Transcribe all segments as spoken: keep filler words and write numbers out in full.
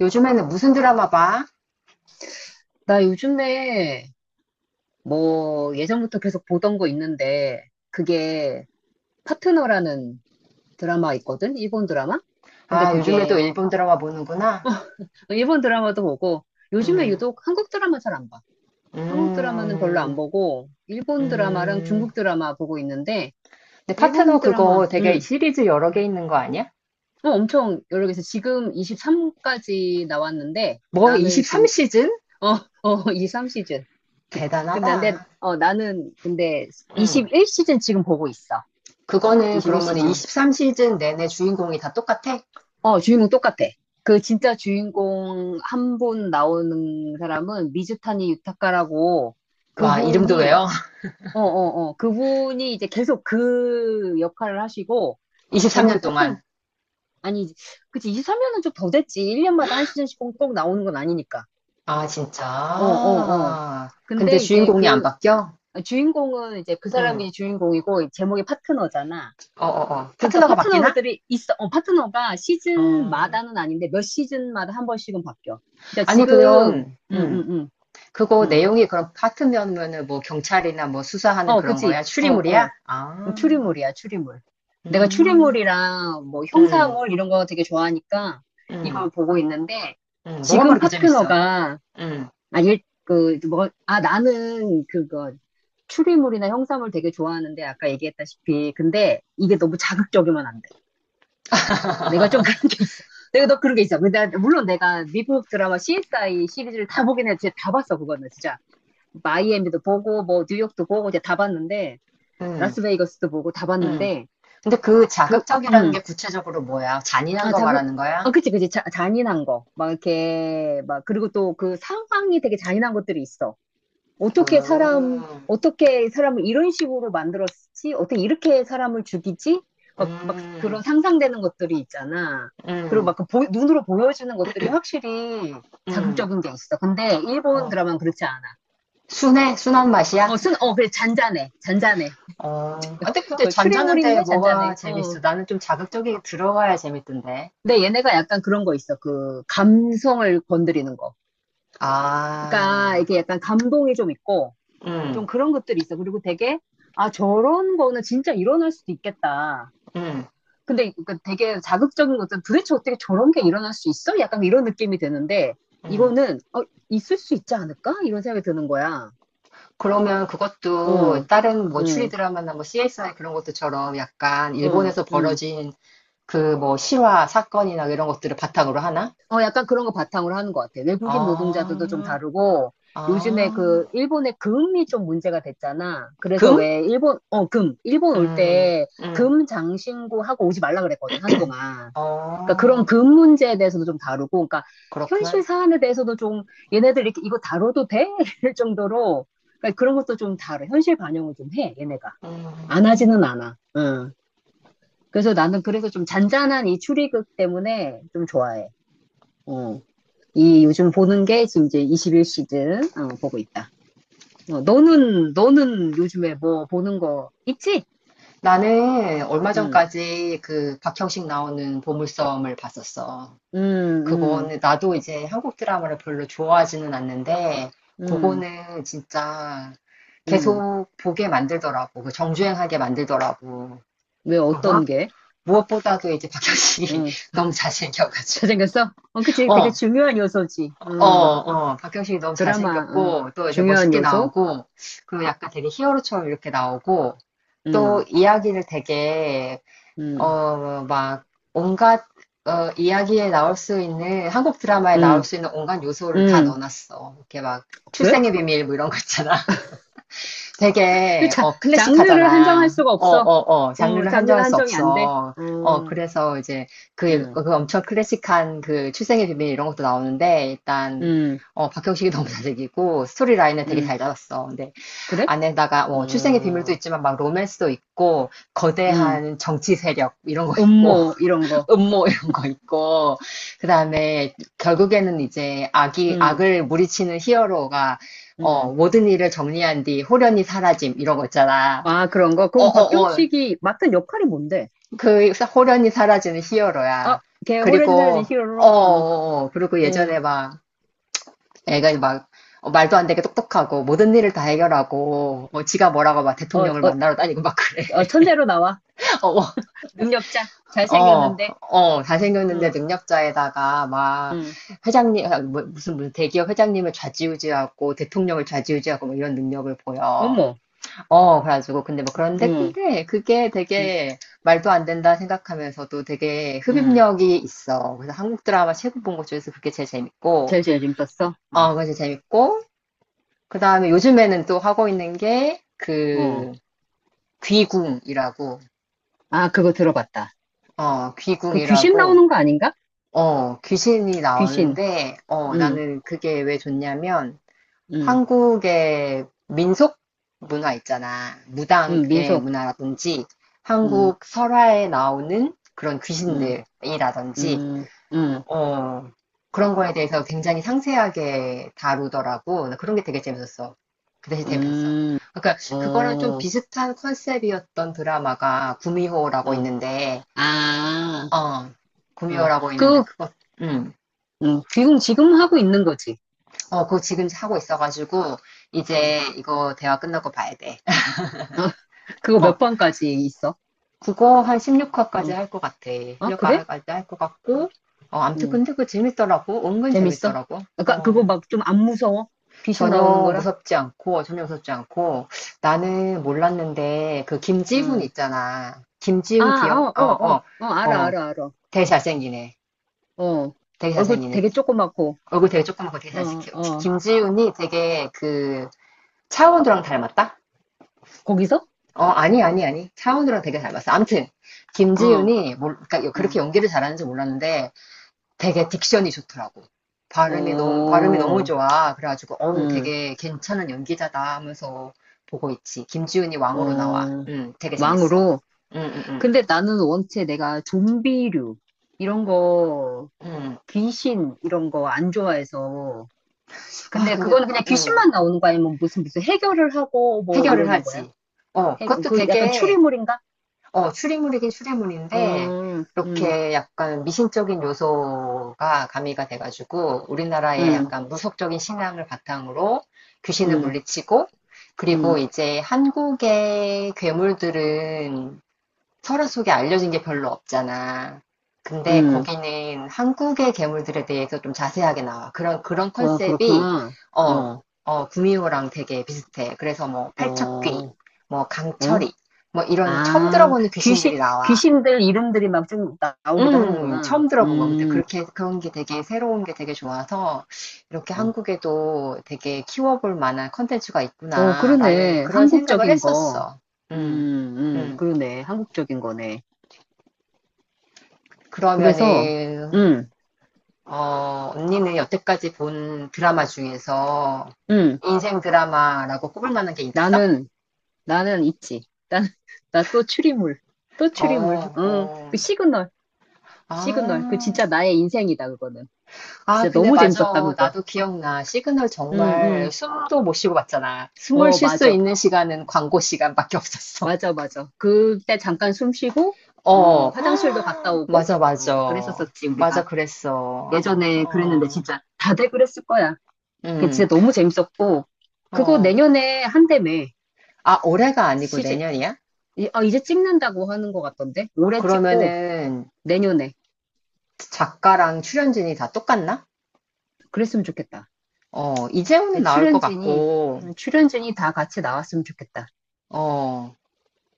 요즘에는 무슨 드라마 봐? 나 요즘에 뭐 예전부터 계속 보던 거 있는데 그게 파트너라는 드라마 있거든? 일본 드라마? 근데 아, 요즘에도 그게 일본 드라마 보는구나. 일본 드라마도 보고 요즘에 음, 유독 한국 드라마 잘 안 봐. 한국 드라마는 별로 안 음, 보고 일본 드라마랑 음. 중국 드라마 보고 있는데 근데 파트너 일본 그거 드라마. 되게 음. 시리즈 여러 개 있는 거 아니야? 어, 엄청 여러 개서 지금 이십삼까지 나왔는데 뭐, 나는 지금 이십삼 시즌? 어, 어, 이십삼 시즌. 근데 난- 내- 대단하다. 어, 나는 근데 음. 이십일 시즌 지금 보고 있어. 그거는 그러면 이십일 시즌. 이십삼 시즌 내내 주인공이 다 똑같아? 어, 주인공 똑같아. 그 진짜 주인공 한 분 나오는 사람은 미즈타니 유타카라고, 와, 이름도 그분이, 외워? 어, 어, 어, 그분이 이제 계속 그 역할을 하시고, 제목이 이십삼 년 파트너, 동안. 아니, 그치, 이십삼 년은 좀 더 됐지. 일 년마다 한 시즌씩 꼭, 꼭 나오는 건 아니니까. 아, 어, 어, 어. 진짜. 근데 근데 이제 주인공이 안 그 바뀌어? 주인공은 이제 그 응. 사람이 주인공이고, 제목이 파트너잖아. 어, 어, 어. 그러니까 파트너가 바뀌나? 파트너들이 있어. 어, 파트너가 어. 시즌마다는 아닌데 몇 시즌마다 한 번씩은 바뀌어. 그러니까 아니, 지금. 음, 그럼, 음. 음, 음, 그거 음. 내용이 그럼 파트면은 뭐 경찰이나 뭐 수사하는 어, 그런 그치. 거야? 어, 추리물이야? 어. 음, 아, 추리물이야, 추리물. 내가 음, 추리물이랑 뭐 음, 형사물 이런 거 되게 좋아하니까 음, 이걸 보고 있는데 음. 뭐가 지금 그렇게 재밌어? 파트너가 음, 아, 일, 그, 뭐, 아, 나는 그거, 추리물이나 형사물 되게 좋아하는데 아까 얘기했다시피 근데 이게 너무 자극적이면 안 돼. 내가 좀 그런 게 있어. 내가 너 그런 게 있어. 근데 물론 내가 미국 드라마 씨에스아이 시리즈를 다 보긴 했는데 다 봤어. 그거는 진짜 마이애미도 보고 뭐 뉴욕도 보고 이제 다 봤는데 음, 라스베이거스도 보고 다 음. 봤는데. 근데 그 그 자극적이라는 음 게 구체적으로 뭐야? 잔인한 아 거 자극 말하는 아 거야? 그치 그치, 자, 잔인한 거 막 이렇게 막, 그리고 또 그 상황이 되게 잔인한 것들이 있어. 어떻게 사람, 아, 어떻게 사람을 이런 식으로 만들었지? 어떻게 이렇게 사람을 죽이지? 막, 막 그런 음, 상상되는 것들이 있잖아. 그리고 음, 막그 보- 눈으로 보여주는 것들이 확실히 음. 자극적인 게 있어. 근데 일본 어. 드라마는 그렇지 않아. 순해? 순한 어, 맛이야? 쓴, 어, 그래, 잔잔해. 잔잔해. 어. 아, 근데 근데 그 잔잔한데 추리물인데 뭐가 잔잔해. 어. 재밌어? 나는 좀 자극적이게 들어가야 재밌던데. 근데 얘네가 약간 그런 거 있어. 그 감성을 건드리는 거. 그러니까 아. 이게 약간 감동이 좀 있고 좀 음, 그런 것들이 있어. 그리고 되게, 아, 저런 거는 진짜 일어날 수도 있겠다. 음, 근데 그 되게 자극적인 것은 도대체 어떻게 저런 게 일어날 수 있어? 약간 이런 느낌이 드는데 음. 이거는 어, 있을 수 있지 않을까? 이런 생각이 드는 거야. 그러면 그것도 응, 다른 뭐 추리 응, 드라마나 뭐 씨에스아이 그런 것들처럼 약간 응, 일본에서 응. 벌어진 그 뭐 실화 사건이나 이런 것들을 바탕으로 하나? 어, 약간 그런 거 바탕으로 하는 것 같아. 외국인 노동자들도 좀 아, 다르고 요즘에 아, 그 일본의 금이 좀 문제가 됐잖아. 그래서 금? 왜 일본 어, 금, 일본 올 음, 때 음, 금 장신구 하고 오지 말라 그랬거든, 한동안. 그러니까 그런 어, 금 문제에 대해서도 좀 다루고, 그러니까 현실 그렇구만. 사안에 대해서도 좀, 얘네들 이렇게 이거 다뤄도 돼? 이럴 정도로 그러니까 그런 것도 좀 다뤄. 현실 반영을 좀 해, 얘네가. 안 음. 하지는 않아. 응. 그래서 나는 그래서 좀 잔잔한 이 추리극 때문에 좀 좋아해. 어. 이 요즘 보는 게 지금 이제 이십일 시즌 어, 보고 있다. 어, 너는 너는 요즘에 뭐 보는 거 있지? 나는 얼마 응. 전까지 그 박형식 나오는 보물섬을 봤었어. 음, 음, 그거는 나도 이제 한국 드라마를 별로 좋아하지는 않는데 음, 그거는 진짜 음. 계속 보게 만들더라고. 그 정주행하게 만들더라고. 왜 그무 어떤 게? 무엇보다도 이제 박형식이 응. 너무 잘생겨가지고. 잘생겼어? 어, 그치. 되게 어, 중요한 요소지. 어, 음, 어. 박형식이 너무 드라마, 음, 잘생겼고 또 이제 중요한 멋있게 요소. 나오고 그리고 약간 되게 히어로처럼 이렇게 나오고 또 음, 이야기를 되게 음, 어, 막, 온갖, 어, 이야기에 나올 수 있는, 한국 드라마에 나올 음, 수 있는 온갖 요소를 다 음. 넣어놨어. 이렇게 막, 그래? 출생의 비밀, 뭐 이런 거 있잖아. 그 되게, 자, 어, 장르를 한정할 클래식하잖아. 수가 어, 없어. 어, 어, 어, 장르를 장르가 한정할 수 한정이 안 돼. 없어. 어, 어, 그래서 이제, 그, 음, 그 엄청 클래식한 그 출생의 비밀 이런 것도 나오는데, 일단, 음, 어, 박형식이 너무 잘생기고, 스토리 라인을 되게 음. 잘 잡았어. 근데, 그래? 안에다가, 뭐, 출생의 비밀도 음, 있지만, 막, 로맨스도 있고, 음. 거대한 정치 세력, 이런 거 있고, 음모, 이런 거. 음모 이런 거 있고 그다음에 결국에는 이제 악이 음, 악을 무리치는 히어로가 음. 어 모든 일을 정리한 뒤 호련히 사라짐 이런 거 있잖아. 아, 그런 거. 어, 그럼 박경어, 어, 식이 맡은 역할이 뭔데? 그 호련히 사라지는 아, 히어로야. 걔 호래진 사라진 그리고 어, 히어로로? 어, 어, 어. 그리고 어, 예전에 막 애가 막 어, 말도 안 되게 똑똑하고 모든 일을 다 해결하고 어, 지가 뭐라고 막 어, 어, 대통령을 만나러 다니고 막 그래. 어, 천재로 나와. 어, 어. 능력자. 어, 잘생겼는데. 어, 잘생겼는데 응. 능력자에다가 막 응. 회장님, 아, 뭐, 무슨, 무슨 대기업 회장님을 좌지우지하고 대통령을 좌지우지하고 뭐 이런 능력을 보여. 어머. 어, 그래가지고 근데 뭐 그런데 응. 근데 그게 응. 되게 말도 안 된다 생각하면서도 되게 응. 흡입력이 있어. 그래서 한국 드라마 최고 본 것 중에서 그게 제일 재밌고, 제일 제일 재밌었어? 아, 어, 그게 제일 재밌고, 그 다음에 요즘에는 또 하고 있는 게 어. 그 귀궁이라고, 아, 그거 들어봤다. 어, 그 귀신 귀궁이라고. 나오는 거 아닌가? 어, 귀신이 귀신. 나오는데, 어, 응. 나는 그게 왜 좋냐면, 응. 한국의 민속 문화 있잖아. 응. 무당의 민속. 문화라든지, 응. 한국 설화에 나오는 그런 응. 귀신들이라든지, 응. 응. 어, 그런 거에 대해서 굉장히 상세하게 다루더라고. 나 그런 게 되게 재밌었어. 그 대신 재밌었어. 응. 그러니까, 그거랑 좀 어. 비슷한 컨셉이었던 드라마가 구미호라고 어. 있는데, 아. 어, 응. 구미호라고 그 있는데, 그거, 음. 응. 귀국 지금 하고 있는 거지. 어, 그거 지금 하고 있어가지고, 응. 이제 이거 대화 끝나고 봐야 돼. 아, 그거 어, 몇 번까지 있어? 그거 한 십육 화까지 응. 할 것 같아. 아, 그래? 십육 화까지 할 것 같고, 어, 암튼 응. 근데 그거 재밌더라고. 은근 재밌어? 재밌더라고. 아까 그거 어, 막 좀 안 무서워? 귀신 나오는 전혀 거라? 무섭지 않고, 전혀 무섭지 않고, 나는 몰랐는데, 그 김지훈 응. 있잖아. 아, 김지훈 기억, 어, 어, 어, 어, 어, 어, 알아, 어, 알아, 알아. 되게 잘생기네. 어, 되게 얼굴 잘생기네. 되게 조그맣고, 얼굴 되게 조그맣고 되게 어, 잘생겨. 어, 김지훈이 되게 그, 차은우랑 닮았다? 거기서? 어, 아니, 아니, 아니. 차은우랑 되게 닮았어. 아무튼, 어, 김지윤이, 뭘, 그러니까 응, 그렇게 연기를 잘하는지 몰랐는데, 되게 딕션이 좋더라고. 발음이 너무, 발음이 너무 어, 좋아. 그래가지고, 어우, 응, 되게 괜찮은 연기자다 하면서 보고 있지. 김지윤이 왕으로 나와. 어, 음, 되게 재밌어. 왕으로. 음, 음, 근데 나는 원체 내가 좀비류, 이런 거, 음. 음. 귀신, 이런 거 안 좋아해서. 아, 근데 근데, 그거는 그냥 음, 귀신만 나오는 거 아니면 무슨 무슨 해결을 하고 뭐 해결을 이러는 거야? 하지. 어, 해, 그것도 그 약간 되게, 추리물인가? 어, 추리물이긴 추리물인데, 음, 음, 이렇게 약간 미신적인 요소가 가미가 돼가지고, 우리나라의 음, 약간 무속적인 신앙을 바탕으로 귀신을 음, 물리치고, 음, 그리고 이제 한국의 괴물들은 서로 속에 알려진 게 별로 없잖아. 근데 음. 거기는 한국의 괴물들에 대해서 좀 자세하게 나와. 그런, 그런 어, 컨셉이, 그렇구나. 어, 어. 어, 구미호랑 되게 비슷해. 그래서 뭐, 어, 팔척귀, 뭐, 어? 강철이, 뭐, 이런 처음 아, 들어보는 귀신, 귀신들이 나와. 귀신들 이름들이 막 좀 나오기도 음, 하는구나. 처음 들어본 거. 근데 음, 그렇게, 그런 게 되게 새로운 게 되게 좋아서, 이렇게 어, 한국에도 되게 키워볼 만한 컨텐츠가 어, 있구나라는 그러네. 그런 생각을 한국적인 거. 했었어. 음, 음, 음, 음. 그러네. 한국적인 거네. 그래서, 그러면은, 음, 어, 언니는 여태까지 본 드라마 중에서 음, 인생 드라마라고 꼽을 만한 게 있어? 나는, 나는 있지. 난, 나 또 추리물. 또 어, 추리물. 어, 어. 그 시그널, 시그널. 그 아, 진짜 나의 인생이다, 그거는. 아, 진짜 근데 너무 재밌었다, 맞아. 그거. 나도 기억나. 시그널 음, 정말 음, 숨도 못 쉬고 봤잖아. 숨을 어, 쉴 수 맞아. 있는 시간은 광고 시간밖에 없었어. 맞아, 맞아. 그때 잠깐 숨 쉬고, 어, 어, 화장실도 갔다 오고, 맞아, 어, 맞아. 그랬었었지, 맞아, 우리가. 그랬어. 예전에 그랬는데 어, 진짜 다들 그랬을 거야. 그 음, 진짜 너무 재밌었고, 그거 어. 내년에 한다며. 아, 올해가 아니고 시즌, 내년이야? 이- 아, 이제 찍는다고 하는 것 같던데? 올해 찍고, 그러면은 내년에. 작가랑 출연진이 다 똑같나? 그랬으면 좋겠다. 어, 내 이재호는 나올 것 출연진이, 같고, 음, 출연진이 다 같이 나왔으면 좋겠다. 어,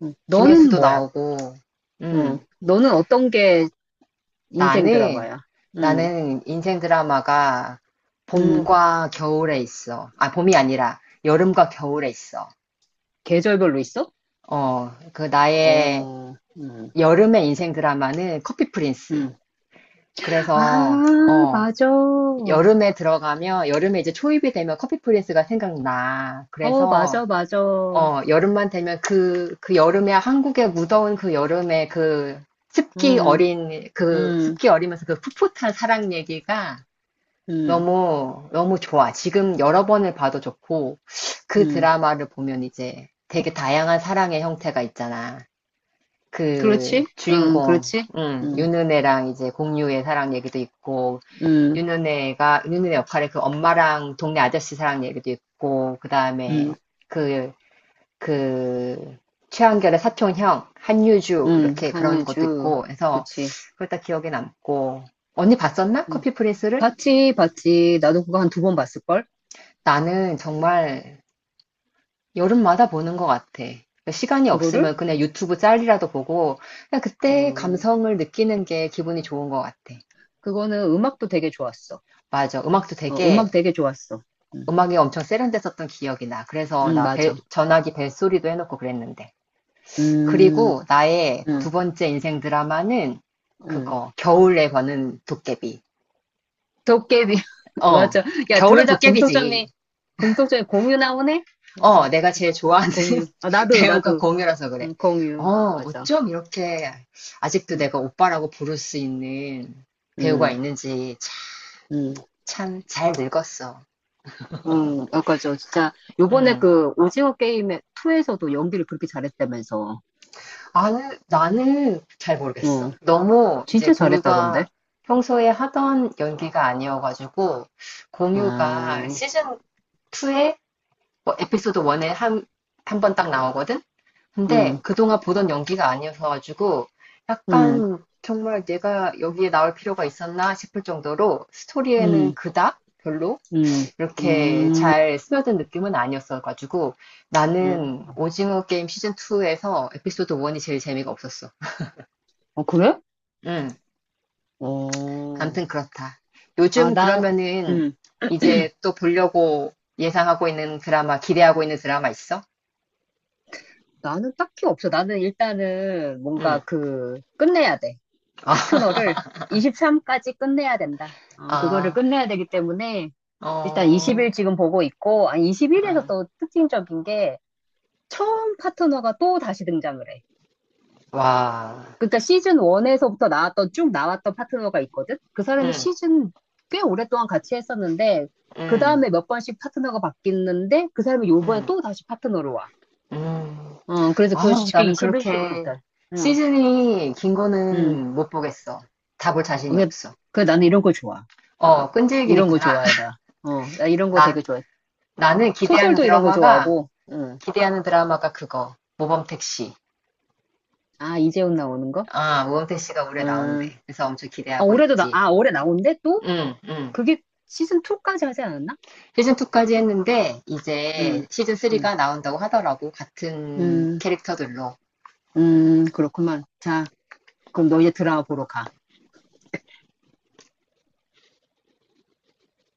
음, 너는 김혜수도 뭐야? 나오고, 어, 음, 너는 어떤 게 인생 나는, 드라마야? 음, 나는 인생 드라마가 음, 봄과 겨울에 있어. 아, 봄이 아니라 여름과 겨울에 있어. 계절별로 있어? 어, 그 나의 어, 음. 여름의 인생 드라마는 커피 프린스. 응. 그래서, 아, 어, 맞아. 어, 여름에 들어가면, 여름에 이제 초입이 되면 커피 프린스가 생각나. 그래서, 맞아, 맞아. 어, 여름만 되면 그, 그 여름에 한국의 무더운 그 여름에 그 습기 응, 어린, 그 응, 습기 어리면서 그 풋풋한 사랑 얘기가 응, 너무, 너무 좋아. 지금 여러 번을 봐도 좋고, 그 응. 드라마를 보면 이제 되게 다양한 사랑의 형태가 있잖아. 그 그렇지? 응, 주인공, 그렇지? 음, 응, 윤은혜랑 이제 공유의 사랑 얘기도 있고, 응, 윤은혜가, 윤은혜 역할의 그 엄마랑 동네 아저씨 사랑 얘기도 있고, 그 응, 다음에 그 그 최한결의 사촌형, 한유주 응. 이렇게 그런 것도 한유주. 있고 해서 그치. 그걸 다 기억에 남고 언니 봤었나? 응. 커피 프린스를? 봤지, 봤지. 나도 그거 한 두 번 봤을걸? 나는 정말 여름마다 보는 것 같아. 시간이 그거를? 없으면 그냥 유튜브 짤이라도 보고 그냥 그때 어, 감성을 느끼는 게 기분이 좋은 것 같아. 그거는 음악도 되게 좋았어. 맞아. 음악도 어, 되게 음악 되게 좋았어. 응, 음악이 엄청 세련됐었던 기억이 나. 그래서 응, 나 벨- 맞아. 전화기 벨소리도 해놓고 그랬는데. 음, 그리고 나의 응, 두 번째 인생 드라마는 응. 그거, 겨울에 버는 도깨비. 도깨비. 어, 맞아. 야, 둘 겨울은 다 도깨비지. 공통점이, 공통점이 공유 나오네? 어, 내가 제일 좋아하는 공유. 아, 나도, 배우가 나도. 공유라서 그래. 응, 공유. 어, 맞아. 어쩜 이렇게 아직도 응, 내가 오빠라고 부를 수 있는 배우가 응, 있는지 응. 참 잘 늙었어. 응, 맞아죠 진짜, 요번에 음. 그, 오징어 게임에, 이에서도 연기를 그렇게 잘했다면서. 나는, 나는 잘 모르겠어. 응, 너무 이제 진짜 잘했다던데. 공유가 평소에 하던 연기가 아니어가지고 공유가 음, 시즌 투에 뭐 에피소드 원에 한, 한 번 딱 나오거든? 근데 음, 그동안 보던 연기가 아니어서가지고 음, 약간 정말 내가 여기에 나올 필요가 있었나 싶을 정도로 스토리에는 음, 그닥 별로 음, 이렇게 잘 스며든 느낌은 아니었어가지고 음. 나는 오징어 게임 시즌투에서 에피소드 원이 제일 재미가 없었어. 어, 그래? 음, 어, 암튼 그렇다. 아, 요즘 나, 그러면은 음, 이제 또 보려고 예상하고 있는 드라마, 기대하고 있는 드라마 있어? 나는 딱히 없어. 나는 일단은 뭔가 응. 그, 끝내야 돼. 파트너를 이십삼까지 끝내야 된다. 어, 아, 그거를 아. 끝내야 되기 때문에, 일단 이십 일 어, 지금 보고 있고, 아, 이십 일에서 응. 또 특징적인 게 처음 파트너가 또 다시 등장을 해. 와, 그러니까 시즌 일에서부터 나왔던, 쭉 나왔던 파트너가 있거든? 그 사람이 응, 시즌 꽤 오랫동안 같이 했었는데, 그 응, 다음에 몇 번씩 파트너가 바뀌는데, 그 사람이 요번에 응, 또 다시 파트너로 와. 응. 어, 그래서 그걸 아우, 쉽게 나는 이십일 시부터 그렇게 다 응, 시즌이 긴 응. 거는 못 보겠어. 다 볼 자신이 그게, 없어. 그 나는 이런 거 좋아. 어, 이런 거 끈질기겠구나. 좋아해, 나. 어, 나 이런 거 나, 되게 좋아해. 나는 기대하는 소설도 이런 거 드라마가, 좋아하고, 응. 기대하는 드라마가 그거. 모범택시. 아, 이재훈 나오는 거? 아, 모범택시가 올해 응. 나온대. 그래서 엄청 아, 기대하고 올해도 나, 있지. 아, 올해 나온대? 또? 응, 응. 그게 시즌 이까지 하지 않았나? 시즌 투까지 했는데, 음, 이제 시즌 삼이 응 나온다고 하더라고. 응 같은 캐릭터들로. 응 그렇구만. 자, 그럼 너 이제 드라마 보러 가.